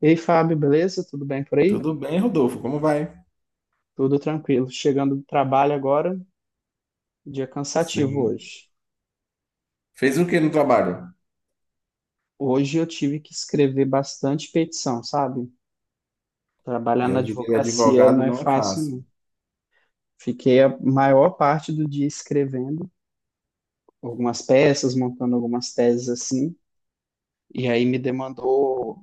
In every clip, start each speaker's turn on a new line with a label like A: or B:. A: E aí, Fábio, beleza? Tudo bem por aí?
B: Tudo bem, Rodolfo? Como vai?
A: Tudo tranquilo. Chegando do trabalho agora, dia cansativo
B: Sim.
A: hoje.
B: Fez o que no trabalho?
A: Hoje eu tive que escrever bastante petição, sabe? Trabalhar na
B: É, vida de
A: advocacia não
B: advogado
A: é
B: não é
A: fácil,
B: fácil.
A: não. Fiquei a maior parte do dia escrevendo algumas peças, montando algumas teses assim, e aí me demandou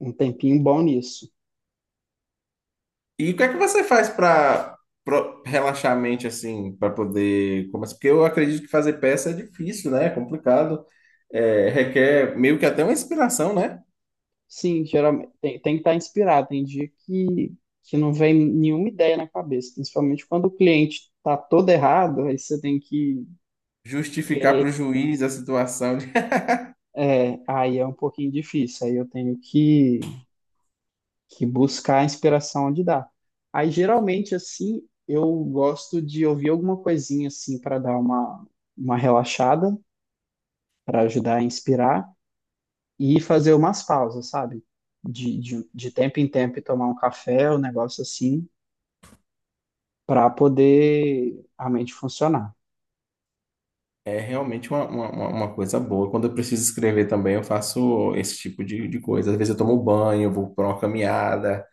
A: um tempinho bom nisso.
B: E o que é que você faz para relaxar a mente assim, para poder começar? Porque eu acredito que fazer peça é difícil, né? É complicado, é, requer meio que até uma inspiração, né?
A: Sim, geralmente tem que estar inspirado. Tem dia que não vem nenhuma ideia na cabeça, principalmente quando o cliente tá todo errado, aí você tem que
B: Justificar
A: querer.
B: para o juiz a situação.
A: É, aí é um pouquinho difícil, aí eu tenho que buscar a inspiração onde dá. Aí geralmente, assim, eu gosto de ouvir alguma coisinha assim para dar uma relaxada, para ajudar a inspirar e fazer umas pausas, sabe? De tempo em tempo e tomar um café, um negócio assim para poder a mente funcionar.
B: É realmente uma coisa boa. Quando eu preciso escrever também, eu faço esse tipo de coisa. Às vezes eu tomo banho, eu vou para uma caminhada.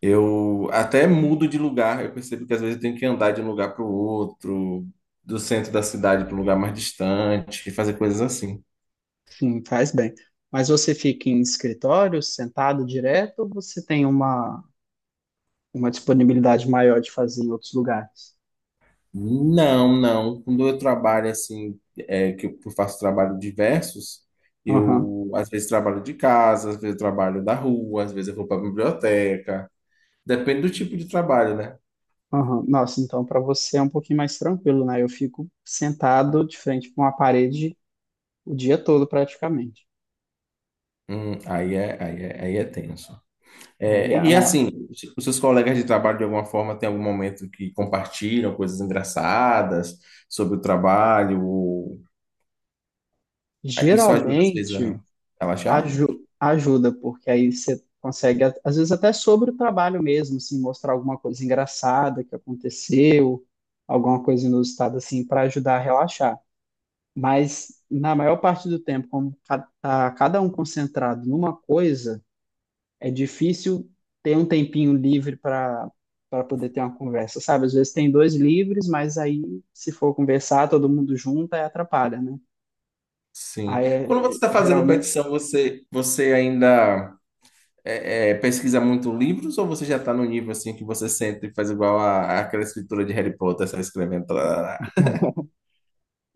B: Eu até mudo de lugar, eu percebo que às vezes eu tenho que andar de um lugar para o outro, do centro da cidade para um lugar mais distante, fazer coisas assim.
A: Sim, faz bem. Mas você fica em escritório, sentado direto, ou você tem uma disponibilidade maior de fazer em outros lugares?
B: Não, não. Quando eu trabalho assim, é, que eu faço trabalho diversos,
A: Aham,
B: eu às vezes trabalho de casa, às vezes eu trabalho da rua, às vezes eu vou para a biblioteca. Depende do tipo de trabalho, né?
A: aham. Nossa, então para você é um pouquinho mais tranquilo, né? Eu fico sentado de frente para uma parede o dia todo praticamente.
B: Aí é tenso.
A: Aí,
B: É, e
A: a-
B: assim, os seus colegas de trabalho, de alguma forma, tem algum momento que compartilham coisas engraçadas sobre o trabalho? Ou- isso ajuda às vezes
A: Geralmente,
B: a relaxar?
A: Ajuda, porque aí você consegue, às vezes, até sobre o trabalho mesmo, assim, mostrar alguma coisa engraçada que aconteceu, alguma coisa inusitada, assim, para ajudar a relaxar. Mas, na maior parte do tempo, como tá cada um concentrado numa coisa, é difícil ter um tempinho livre para poder ter uma conversa, sabe? Às vezes tem dois livres, mas aí, se for conversar, todo mundo junto, aí atrapalha, né?
B: Sim.
A: Aí,
B: Quando você está fazendo
A: geralmente.
B: petição, você ainda pesquisa muito livros ou você já está no nível assim que você sente e faz igual a, aquela escritura de Harry Potter, sai escrevendo? Tá, tá, tá, tá?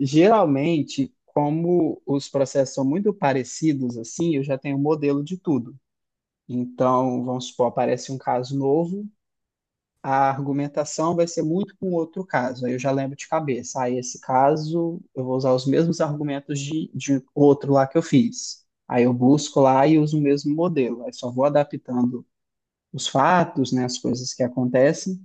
A: Geralmente, como os processos são muito parecidos, assim, eu já tenho um modelo de tudo. Então, vamos supor, aparece um caso novo, a argumentação vai ser muito com outro caso. Aí eu já lembro de cabeça, aí esse caso eu vou usar os mesmos argumentos de outro lá que eu fiz. Aí eu busco lá e uso o mesmo modelo. Aí só vou adaptando os fatos, né, as coisas que acontecem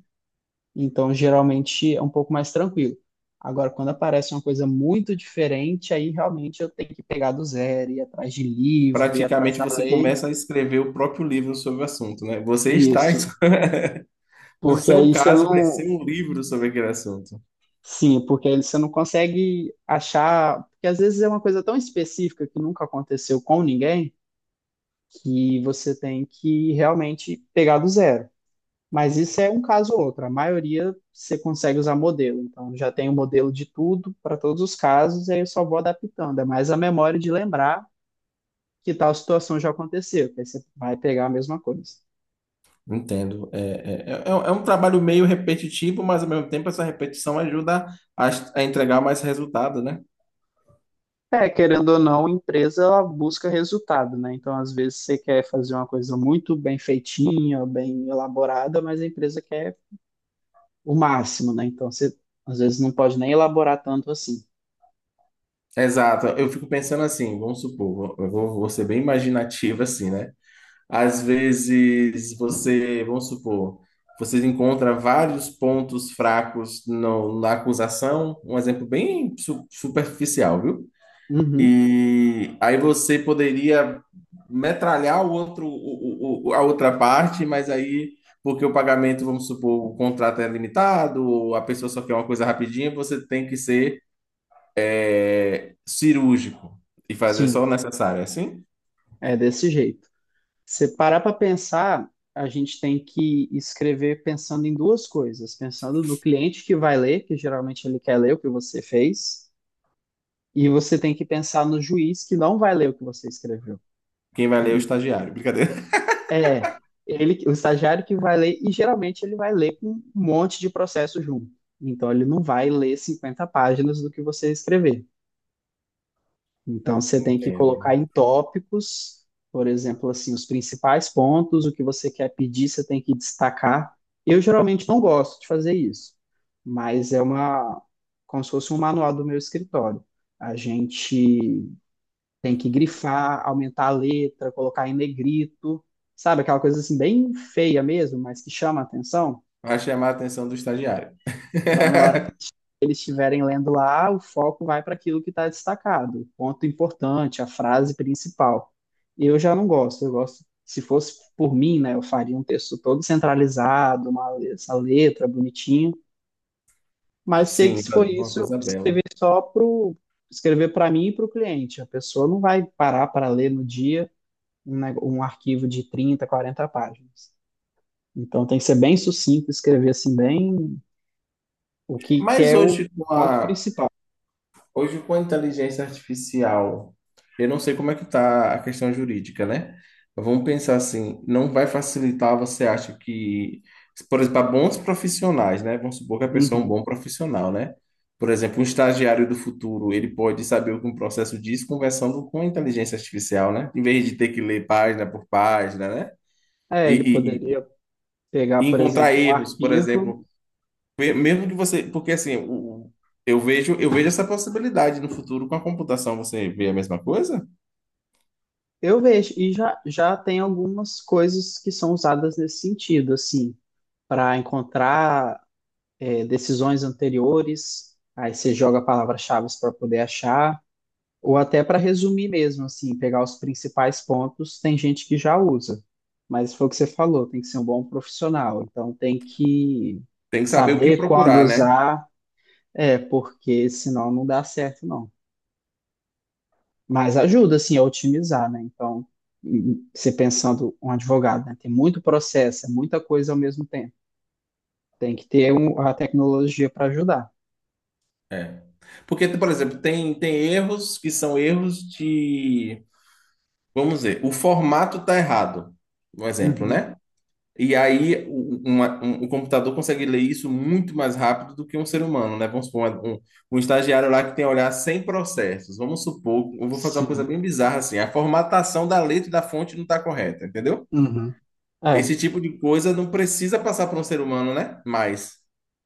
A: então, geralmente é um pouco mais tranquilo. Agora, quando aparece uma coisa muito diferente, aí realmente eu tenho que pegar do zero, ir atrás de livro, ir atrás
B: Praticamente
A: da
B: você
A: lei.
B: começa a escrever o próprio livro sobre o assunto, né?
A: Isso,
B: No
A: porque
B: seu
A: aí você
B: caso, vai ser
A: não.
B: um livro sobre aquele assunto.
A: Sim, porque aí você não consegue achar. Porque às vezes é uma coisa tão específica que nunca aconteceu com ninguém, que você tem que realmente pegar do zero. Mas isso é um caso ou outro. A maioria você consegue usar modelo. Então, já tem o modelo de tudo para todos os casos, e aí eu só vou adaptando. É mais a memória de lembrar que tal situação já aconteceu, que aí você vai pegar a mesma coisa.
B: Entendo. É um trabalho meio repetitivo, mas ao mesmo tempo essa repetição ajuda a, a entregar mais resultado, né?
A: É, querendo ou não, a empresa ela busca resultado, né? Então, às vezes, você quer fazer uma coisa muito bem feitinha, bem elaborada, mas a empresa quer o máximo, né? Então, você às vezes não pode nem elaborar tanto assim.
B: Exato. Eu fico pensando assim, vamos supor, vou ser bem imaginativo assim, né? Às vezes você, vamos supor, você encontra vários pontos fracos na acusação, um exemplo bem superficial, viu?
A: Uhum,
B: E aí você poderia metralhar o outro, a outra parte, mas aí, porque o pagamento, vamos supor, o contrato é limitado, ou a pessoa só quer uma coisa rapidinha, você tem que ser cirúrgico e fazer só o
A: sim,
B: necessário. É assim,
A: é desse jeito. Se parar para pensar, a gente tem que escrever pensando em duas coisas, pensando no cliente que vai ler, que geralmente ele quer ler o que você fez, e você tem que pensar no juiz que não vai ler o que você escreveu.
B: quem vai ler é o
A: Ele
B: estagiário. Brincadeira.
A: é ele, o estagiário que vai ler, e geralmente ele vai ler com um monte de processo junto. Então ele não vai ler 50 páginas do que você escrever. Então, você tem que colocar
B: Entendo.
A: em tópicos, por exemplo, assim, os principais pontos, o que você quer pedir, você tem que destacar. Eu geralmente não gosto de fazer isso, mas é como se fosse um manual do meu escritório. A gente tem que grifar, aumentar a letra, colocar em negrito, sabe? Aquela coisa assim bem feia mesmo, mas que chama a atenção,
B: Vai chamar a atenção do estagiário.
A: para na hora eles estiverem lendo lá, o foco vai para aquilo que está destacado, o ponto importante, a frase principal. Eu já não gosto, eu gosto, se fosse por mim, né, eu faria um texto todo centralizado, essa letra bonitinha, mas sei que
B: Sim,
A: se for
B: uma
A: isso, eu
B: coisa bela.
A: escrever só pro escrever para mim e para o cliente. A pessoa não vai parar para ler no dia um, um arquivo de 30, 40 páginas. Então tem que ser bem sucinto, escrever assim bem o que
B: Mas
A: é o
B: hoje, com
A: ponto
B: a,
A: principal.
B: Hoje, com a inteligência artificial, eu não sei como é que está a questão jurídica, né? Vamos pensar assim, não vai facilitar, você acha que, por exemplo, para bons profissionais, né? Vamos supor que a pessoa é um
A: Uhum.
B: bom profissional, né? Por exemplo, um estagiário do futuro, ele pode saber o que um processo diz conversando com a inteligência artificial, né? Em vez de ter que ler página por página, né?
A: É, ele
B: E, e-
A: poderia pegar,
B: e
A: por
B: encontrar
A: exemplo, um
B: erros, por
A: arquivo.
B: exemplo, mesmo que você, porque assim, eu vejo essa possibilidade no futuro com a computação, você vê a mesma coisa?
A: Eu vejo, e já tem algumas coisas que são usadas nesse sentido, assim, para encontrar decisões anteriores, aí você joga palavras-chave para poder achar, ou até para resumir mesmo, assim, pegar os principais pontos, tem gente que já usa. Mas foi o que você falou, tem que ser um bom profissional, então tem que
B: Tem que saber o que
A: saber quando
B: procurar, né?
A: usar, porque senão não dá certo, não. Mas ajuda, assim, a otimizar, né? Então, e você pensando um advogado, né? Tem muito processo, é muita coisa ao mesmo tempo. Tem que ter a tecnologia para ajudar.
B: É. Porque, por exemplo, tem erros que são erros de, vamos dizer, o formato está errado, um exemplo,
A: Uhum.
B: né? E aí o, o computador consegue ler isso muito mais rápido do que um ser humano, né? Vamos supor, um estagiário lá que tem a olhar 100 processos. Vamos supor, eu vou fazer uma coisa
A: Sim.
B: bem bizarra assim, a formatação da letra e da fonte não está correta, entendeu?
A: Uhum. É,
B: Esse tipo de coisa não precisa passar para um ser humano, né? Mas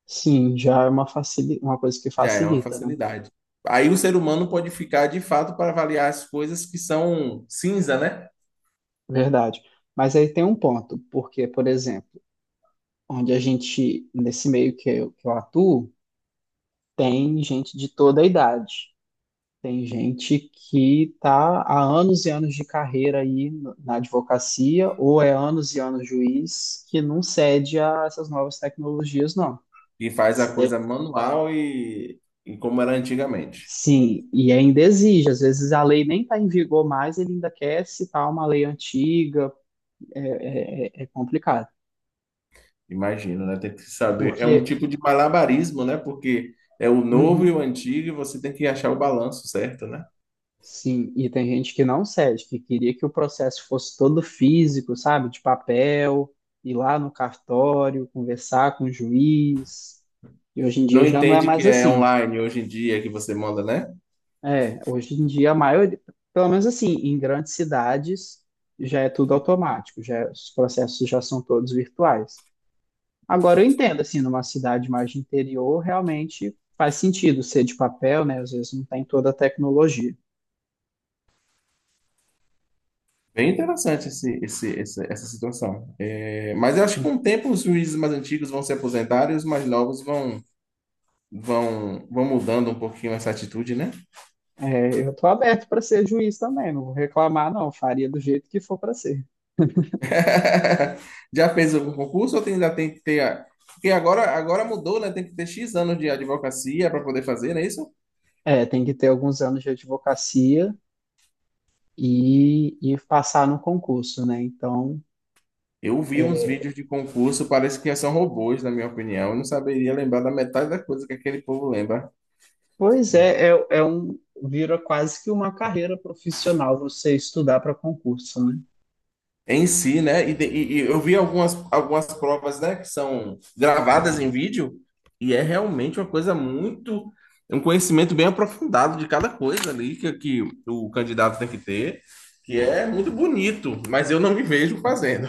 A: sim, já é uma coisa que
B: já é uma
A: facilita, né?
B: facilidade. Aí o ser humano pode ficar de fato para avaliar as coisas que são cinza, né?
A: Verdade. Mas aí tem um ponto, porque, por exemplo, onde a gente, nesse meio que eu atuo, tem gente de toda a idade. Tem gente que está há anos e anos de carreira aí na advocacia, ou é anos e anos juiz, que não cede a essas novas tecnologias, não.
B: E faz a
A: Se
B: coisa
A: de-
B: manual e como era antigamente.
A: Sim, e ainda exige. Às vezes a lei nem está em vigor mais, ele ainda quer citar uma lei antiga, é complicado.
B: Imagino, né? Tem que saber. É um
A: Porque.
B: tipo de malabarismo, né? Porque é o novo e o
A: Uhum.
B: antigo e você tem que achar o balanço certo, né?
A: Sim, e tem gente que não cede, que queria que o processo fosse todo físico, sabe? De papel, ir lá no cartório, conversar com o juiz. E hoje em dia
B: Não
A: já não é
B: entende
A: mais
B: que é
A: assim.
B: online hoje em dia que você manda, né?
A: É, hoje em dia a maioria, pelo menos assim, em grandes cidades já é tudo automático, os processos já são todos virtuais. Agora eu entendo assim, numa cidade mais de interior, realmente faz sentido ser de papel, né? Às vezes não tem toda a tecnologia.
B: Bem interessante essa situação. É, mas eu acho que com o tempo os juízes mais antigos vão se aposentar e os mais novos vão, vão mudando um pouquinho essa atitude, né?
A: É, eu tô aberto para ser juiz também, não vou reclamar, não. Faria do jeito que for para ser.
B: Já fez algum concurso ou ainda tem que ter. Porque agora mudou, né? Tem que ter X anos de advocacia para poder fazer, não é isso?
A: É, tem que ter alguns anos de advocacia e passar no concurso, né? Então,
B: Eu vi uns
A: é,
B: vídeos de concurso, parece que são robôs, na minha opinião. Eu não saberia lembrar da metade da coisa que aquele povo lembra.
A: pois é, vira quase que uma carreira profissional você estudar para concurso, né?
B: Em si, né? E eu vi algumas provas, né, que são gravadas em vídeo, e é realmente uma coisa muito, um conhecimento bem aprofundado de cada coisa ali que o candidato tem que ter, que é muito bonito, mas eu não me vejo fazendo.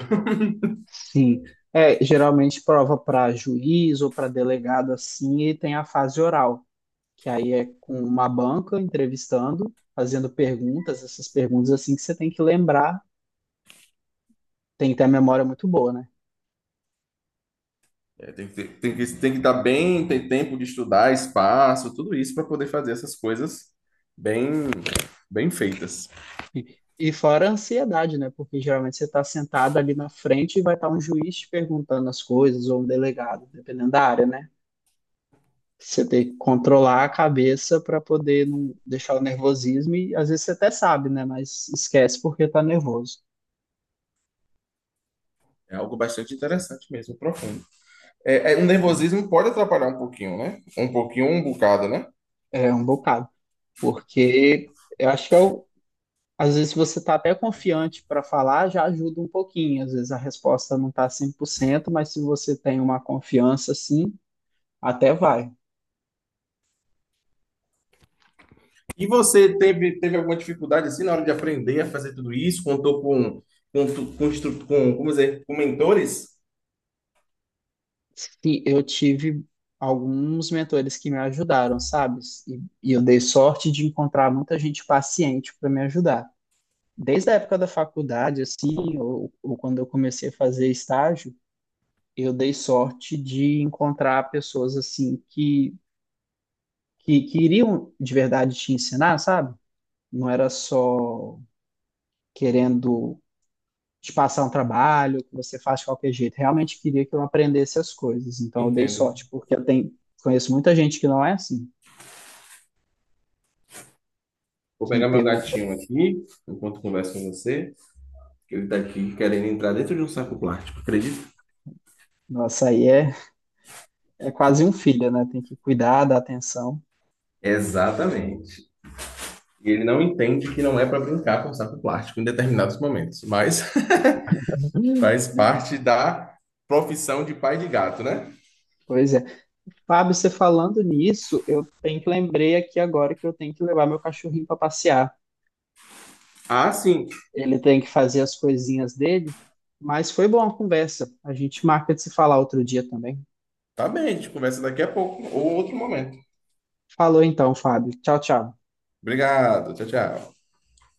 A: Sim. É, geralmente prova para juiz ou para delegado assim, e tem a fase oral, que aí é com uma banca entrevistando, fazendo perguntas, essas perguntas assim que você tem que lembrar. Tem que ter a memória muito boa, né?
B: É, tem que estar bem, ter tempo de estudar, espaço, tudo isso para poder fazer essas coisas bem, bem feitas.
A: E fora a ansiedade, né? Porque geralmente você está sentado ali na frente e vai estar um juiz te perguntando as coisas ou um delegado, dependendo da área, né? Você tem que controlar a cabeça para poder não deixar o nervosismo e às vezes você até sabe, né? Mas esquece porque tá nervoso.
B: É algo bastante interessante mesmo, profundo. É, o
A: Sim.
B: nervosismo pode atrapalhar um pouquinho, né? Um pouquinho, um bocado, né?
A: É um bocado. Porque eu acho que é às vezes você tá até confiante para falar, já ajuda um pouquinho. Às vezes a resposta não tá 100%, mas se você tem uma confiança, assim, até vai.
B: E você teve alguma dificuldade assim na hora de aprender a fazer tudo isso? Contou com, como dizer, com mentores?
A: Sim, eu tive alguns mentores que me ajudaram, sabe? E eu dei sorte de encontrar muita gente paciente para me ajudar. Desde a época da faculdade, assim, ou quando eu comecei a fazer estágio, eu dei sorte de encontrar pessoas assim que iriam de verdade te ensinar, sabe? Não era só querendo te passar um trabalho que você faz de qualquer jeito. Realmente queria que eu aprendesse as coisas. Então eu dei
B: Entendo.
A: sorte, porque eu tenho, conheço muita gente que não é assim.
B: Vou
A: Que
B: pegar meu
A: pegou.
B: gatinho aqui, enquanto converso com você, que ele está aqui querendo entrar dentro de um saco plástico, acredita?
A: Nossa, aí é quase um filho, né? Tem que cuidar, dar atenção.
B: Exatamente. E ele não entende que não é para brincar com saco plástico em determinados momentos, mas
A: Uhum.
B: faz parte da profissão de pai de gato, né?
A: Pois é. Fábio, você falando nisso, eu tenho que lembrei aqui agora que eu tenho que levar meu cachorrinho para passear.
B: Ah, sim.
A: Ele tem que fazer as coisinhas dele, mas foi boa a conversa. A gente marca de se falar outro dia também.
B: Tá bem, a gente conversa daqui a pouco ou outro momento.
A: Falou então, Fábio. Tchau, tchau.
B: Obrigado, tchau, tchau.